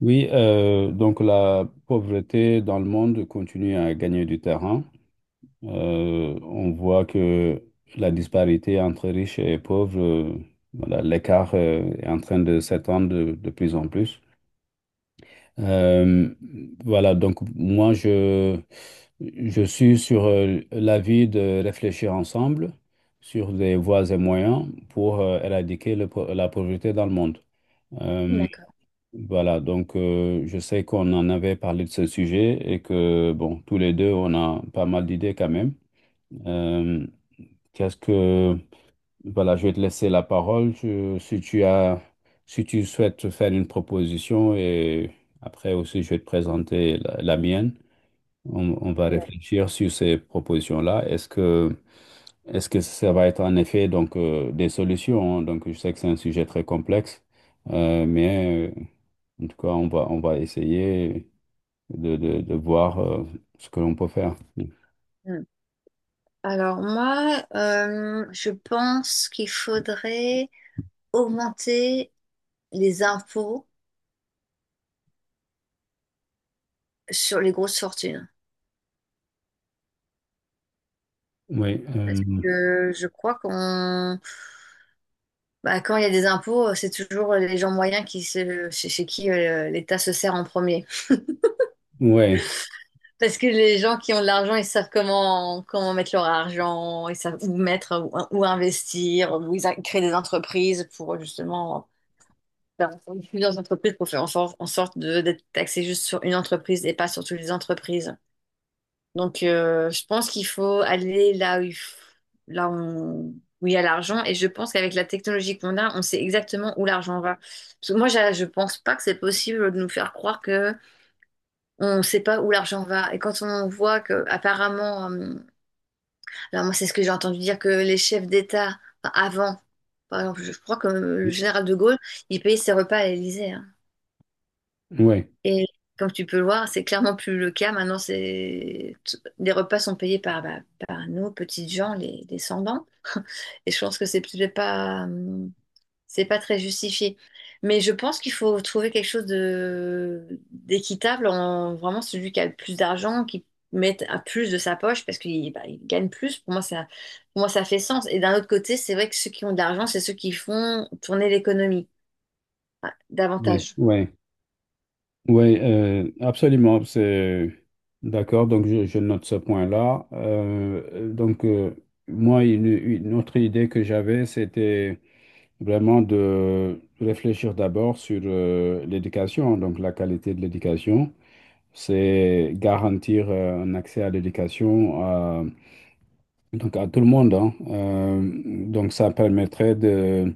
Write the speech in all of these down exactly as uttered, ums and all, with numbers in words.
Oui, euh, donc la pauvreté dans le monde continue à gagner du terrain. Euh, on voit que la disparité entre riches et pauvres, euh, voilà, l'écart, euh, est en train de s'étendre de, de plus en plus. Euh, voilà, donc moi, je, je suis sur euh, l'avis de réfléchir ensemble sur des voies et moyens pour euh, éradiquer le po- la pauvreté dans le monde. Euh, D'accord. voilà, donc euh, je sais qu'on en avait parlé de ce sujet et que, bon, tous les deux, on a pas mal d'idées quand même. Euh, qu'est-ce que, voilà, je vais te laisser la parole. Je- si tu as, si tu souhaites faire une proposition et après aussi, je vais te présenter la, la mienne. On, on va réfléchir sur ces propositions-là. Est-ce que, est-ce que ça va être en effet donc euh, des solutions, hein? Donc, je sais que c'est un sujet très complexe, euh, mais euh, en tout cas, on va, on va essayer de, de, de voir euh, ce que l'on peut faire. Mm. Alors moi, euh, je pense qu'il faudrait augmenter les impôts sur les grosses fortunes. Oui, euh, Je, je crois qu'on, bah, quand il y a des impôts, c'est toujours les gens moyens qui se, chez, chez qui euh, l'État se sert en premier. ouais, Parce que les gens qui ont de l'argent, ils savent comment, comment mettre leur argent, ils savent où mettre, où, où investir, où ils a- créent des entreprises pour justement dans dans plusieurs entreprises pour faire en, for- en sorte de d'être taxé juste sur une entreprise et pas sur toutes les entreprises. Donc, euh, je pense qu'il faut aller là où il, f- là où on- où il y a l'argent. Et je pense qu'avec la technologie qu'on a, on sait exactement où l'argent va. Parce que moi, j'a- je pense pas que c'est possible de nous faire croire que on sait pas où l'argent va. Et quand on voit que, apparemment, euh, alors moi, c'est ce que j'ai entendu dire que les chefs d'État, enfin, avant, par exemple, je je crois que le général de Gaulle, il payait ses repas à l'Élysée, hein. ouais, Et comme tu peux le voir, c'est clairement plus le cas. Maintenant, c'est... t- les repas sont payés par, bah, par nous, petites gens, les descendants. Et je pense que c'est peut-être pas, hum, c'est pas très justifié. Mais je pense qu'il faut trouver quelque chose de d'équitable en vraiment celui qui a le plus d'argent, qui mette un plus de sa poche parce qu'il bah, il gagne plus. Pour moi, ça, pour moi, ça fait sens. Et d'un autre côté, c'est vrai que ceux qui ont de l'argent, c'est ceux qui font tourner l'économie, ah, ouais, davantage. ouais, ouais, euh, absolument, c'est d'accord. Donc je, je note ce point-là. Euh, donc euh, moi, une, une autre idée que j'avais, c'était vraiment de réfléchir d'abord sur euh, l'éducation, donc la qualité de l'éducation. C'est garantir euh, un accès à l'éducation à donc à tout le monde, hein. Euh, donc ça permettrait de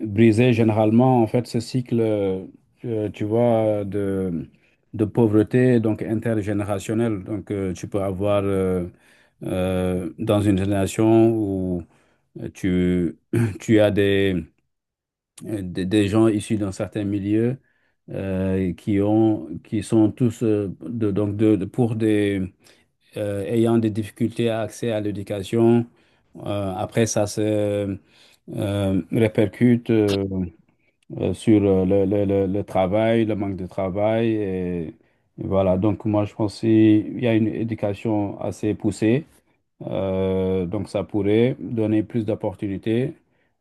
briser généralement en fait ce cycle, euh, euh, tu vois, de, de pauvreté donc intergénérationnelle. Donc euh, tu peux avoir euh, euh, dans une génération où tu, tu as des, des, des gens issus d'un certain milieu euh, qui ont qui sont tous euh, de, donc de, de- pour des euh, ayant des difficultés à accès à l'éducation euh, après, ça se euh, répercute euh, euh, sur euh, le, le- le- le travail, le manque de travail. Et voilà, donc moi, je pense qu'il y a une éducation assez poussée. Euh, donc, ça pourrait donner plus d'opportunités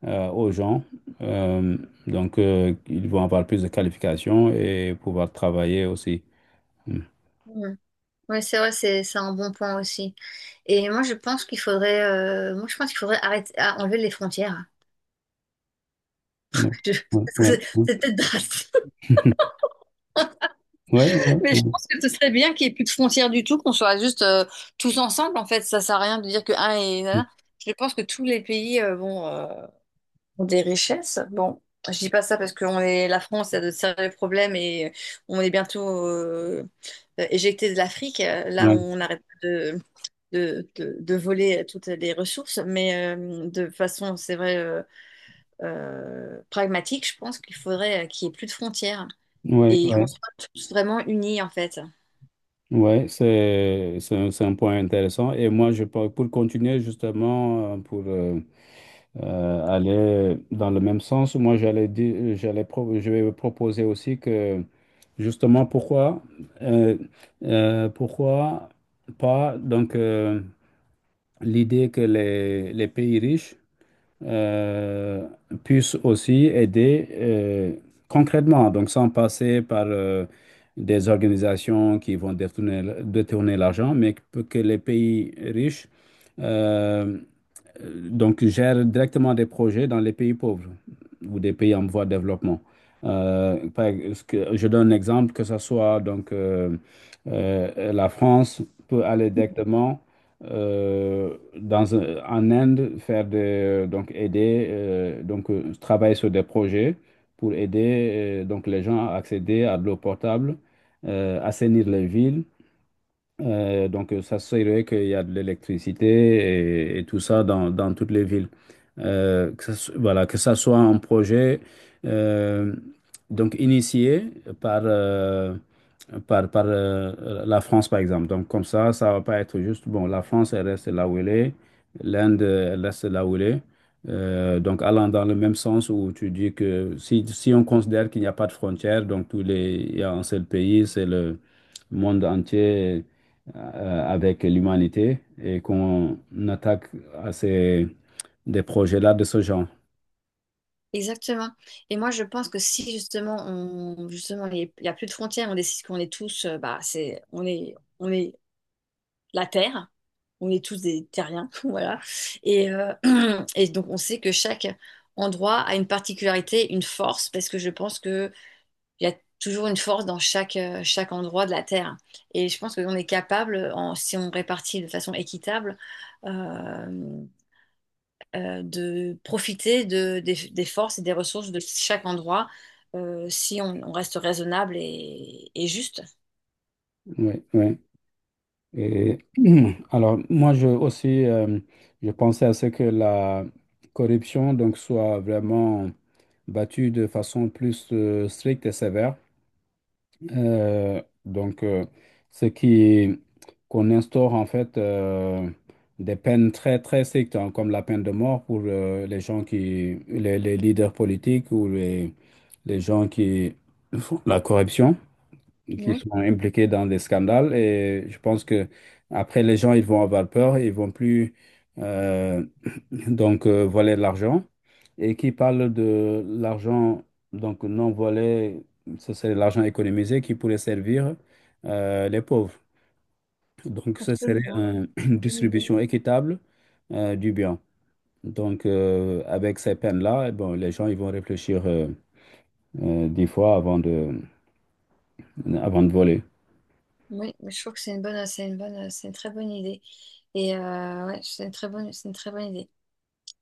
euh, aux gens. Euh, donc, euh, ils vont avoir plus de qualifications et pouvoir travailler aussi. Mm. Oui, c'est vrai, c'est c'est un bon point aussi. Et moi, je pense qu'il faudrait, euh, moi, je pense qu'il faudrait arrêter, ah, enlever les frontières. Je- Ouais, parce que ouais, c'est ouais. c'est peut-être drastique, Ouais, mais je ouais, pense que ce serait bien qu'il n'y ait plus de frontières du tout, qu'on soit juste euh, tous ensemble. En fait, ça sert à rien de dire que un est, nanana. Je pense que tous les pays euh, bon, euh, ont des richesses. Bon, je dis pas ça parce que on est, la France a de sérieux problèmes et on est bientôt euh, éjecté de l'Afrique. Là, ouais. on arrête pas de de, de, de voler toutes les ressources, mais euh, de façon, c'est vrai, euh, euh, pragmatique, je pense qu'il faudrait euh, qu'il n'y ait plus de frontières Ouais, et qu'on ouais, soit tous vraiment unis, en fait. ouais, c'est c'est un, c'est un point intéressant. Et moi, je pense- pour continuer justement, euh, pour euh, euh, aller dans le même sens, moi, j'allais dire, j'allais pro- je vais proposer aussi que justement, pourquoi, euh, euh, pourquoi pas donc euh, l'idée que les, les pays riches euh, puisse aussi aider euh, concrètement, donc sans passer par euh, des organisations qui vont détourner, détourner l'argent, mais que que les pays riches euh, euh, donc, gère directement des projets dans les pays pauvres ou des pays en voie de développement. Euh, par ex- que- je donne un exemple, que ce soit donc euh, euh, la France peut aller directement euh, dans un- en Inde faire des, euh, donc aider euh, donc euh, travailler sur des projets pour aider euh, donc les gens à accéder à de l'eau potable, euh, assainir les villes euh, donc, euh, ça serait qu'il y a de l'électricité et, et tout ça dans, dans toutes les villes. Euh, que ça, so- voilà, que ça soit un projet euh, donc initié par, euh, par, par euh, la France, par exemple. Donc, comme ça, ça va pas être juste, bon, la France, elle reste là où elle est, l'Inde, elle reste là où elle est. Euh, donc, allant dans le même sens où tu dis que si, si on considère qu'il n'y a pas de frontières, donc tous les, il y a un seul pays, c'est le monde entier euh, avec l'humanité et qu'on attaque à ces, des projets-là de ce genre. Exactement. Et moi, je pense que si justement, on, justement, il n'y a plus de frontières, on décide qu'on est tous, euh, bah, c'est, on est, on est la Terre, on est tous des terriens, voilà. Et, euh, et donc, on sait que chaque endroit a une particularité, une force, parce que je pense que il y a toujours une force dans chaque, euh, chaque endroit de la Terre. Et je pense qu'on est capable, en- si on répartit de façon équitable, euh, euh, de profiter de- des, des forces et des ressources de chaque endroit, euh, si on, on reste raisonnable et, et juste. Oui, oui. Et, alors, moi, je aussi, euh, je pensais à ce que la corruption donc, soit vraiment battue de façon plus euh, stricte et sévère. Euh, donc, euh, ce qui Qu'on instaure en fait euh, des peines très très strictes, hein, comme la peine de mort pour euh, les gens qui, les, les leaders politiques ou les, les gens qui font la corruption, qui Oui, sont impliqués dans des scandales. Et je pense que après les gens ils vont avoir peur, ils vont plus euh, donc euh, volet de l'argent, et qui parle de l'argent, donc non volet, ce serait l'argent économisé qui pourrait servir euh, les pauvres. Donc ce serait absolument. un- une Bonne idée. distribution équitable euh, du bien. Donc euh, avec ces peines-là, eh bon, les gens ils vont réfléchir euh, euh, dix fois avant de, avant de voler. Oui, mais je trouve que c'est une bonne, c'est une bonne, c'est une très bonne idée. Et euh, ouais, c'est une très bonne, c'est une très bonne idée.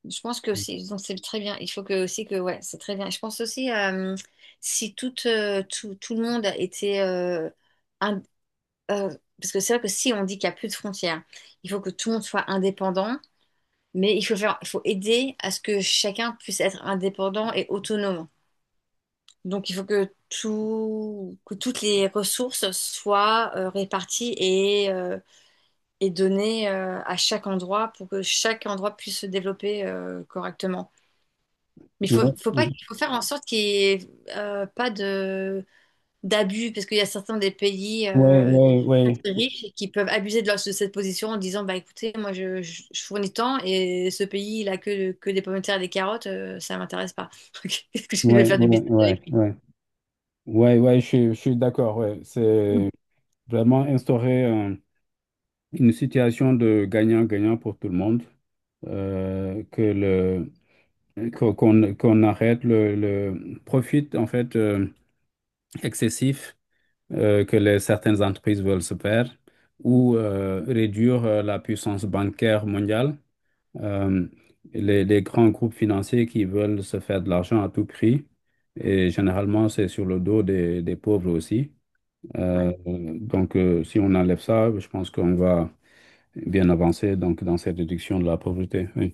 Je pense que aussi, donc c'est très bien. Il faut que aussi que ouais, c'est très bien. Je pense aussi euh, si tout, euh, tout tout le monde était euh, ind- euh, parce que c'est vrai que si on dit qu'il n'y a plus de frontières, il faut que tout le monde soit indépendant, mais il faut faire, il faut aider à ce que chacun puisse être indépendant et autonome. Donc il faut que tout que toutes les ressources soient euh, réparties et euh, et données euh, à chaque endroit pour que chaque endroit puisse se développer euh, correctement. Mais faut, faut pas, Ouais, faut faire en sorte qu'il n'y ait euh, pas de d'abus, parce qu'il y a certains des pays ouais, euh, qui ouais, sont ouais, très riches et qui peuvent abuser de, leur, de cette position en disant, bah écoutez, moi je, je- je fournis tant et ce pays il a que, que des pommes de terre et des carottes, euh, ça m'intéresse pas. Qu'est-ce que je vais ouais, faire du ouais, business avec ouais, lui? ouais, ouais, ouais, je, suis je suis d'accord, ouais. C'est vraiment instaurer une situation de gagnant-gagnant pour tout le monde, euh, que le, qu'o- qu'on, qu'on arrête le, le profit en fait euh, excessif euh, que les, certaines entreprises veulent se faire ou euh, réduire euh, la puissance bancaire mondiale. Euh, les, les grands groupes financiers qui veulent se faire de l'argent à tout prix, et généralement c'est sur le dos des, des pauvres aussi. Ouais. Euh, donc euh, si on enlève ça, je pense qu'on va bien avancé donc dans cette réduction de la pauvreté. Oui.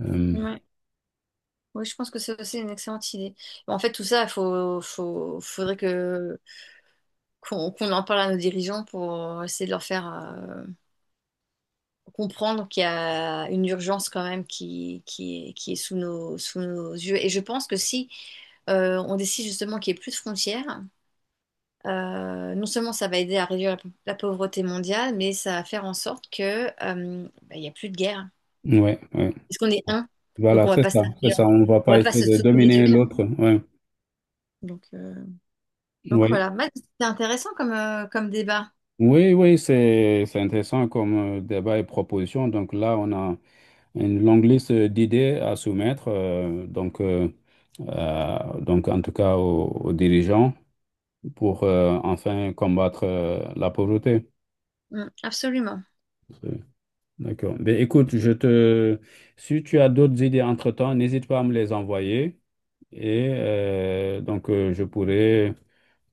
Euh, Ouais. Oui, je pense que c'est aussi une excellente idée. En fait, tout ça, faut, faut, faudrait que qu'on qu'on en parle à nos dirigeants pour essayer de leur faire euh, comprendre qu'il y a une urgence quand même qui, qui est, qui est sous nos, sous nos yeux. Et je pense que si euh, on décide justement qu'il n'y ait plus de frontières, euh, non seulement ça va aider à réduire la, pau- la pauvreté mondiale, mais ça va faire en sorte que, euh, bah, il n'y a plus de guerre. ouais, ouais. Parce qu'on est un, donc Voilà, on va c'est pas se ça, c'est taper, ça. On ne va on va pas pas essayer se de dominer détruire. l'autre. Ouais. Donc, euh, donc Oui, voilà, bah, c'est intéressant comme, euh, comme débat. oui, oui, c'est c'est intéressant comme euh, débat et proposition. Donc là, on a une longue liste euh, d'idées à soumettre. euh, donc, euh, euh, donc, en tout cas, aux, aux dirigeants pour euh, enfin combattre euh, la pauvreté. Mm, absolument. C'est- D'accord. Ben, écoute, je te... si tu as d'autres idées entre-temps, n'hésite pas à me les envoyer. Et euh, donc, euh, je pourrais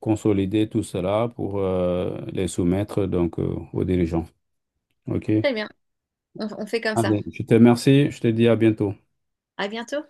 consolider tout cela pour euh, les soumettre donc, euh, aux dirigeants. OK? Très bien, on on fait comme ça. Allez, je te remercie. Je te dis à bientôt. À bientôt.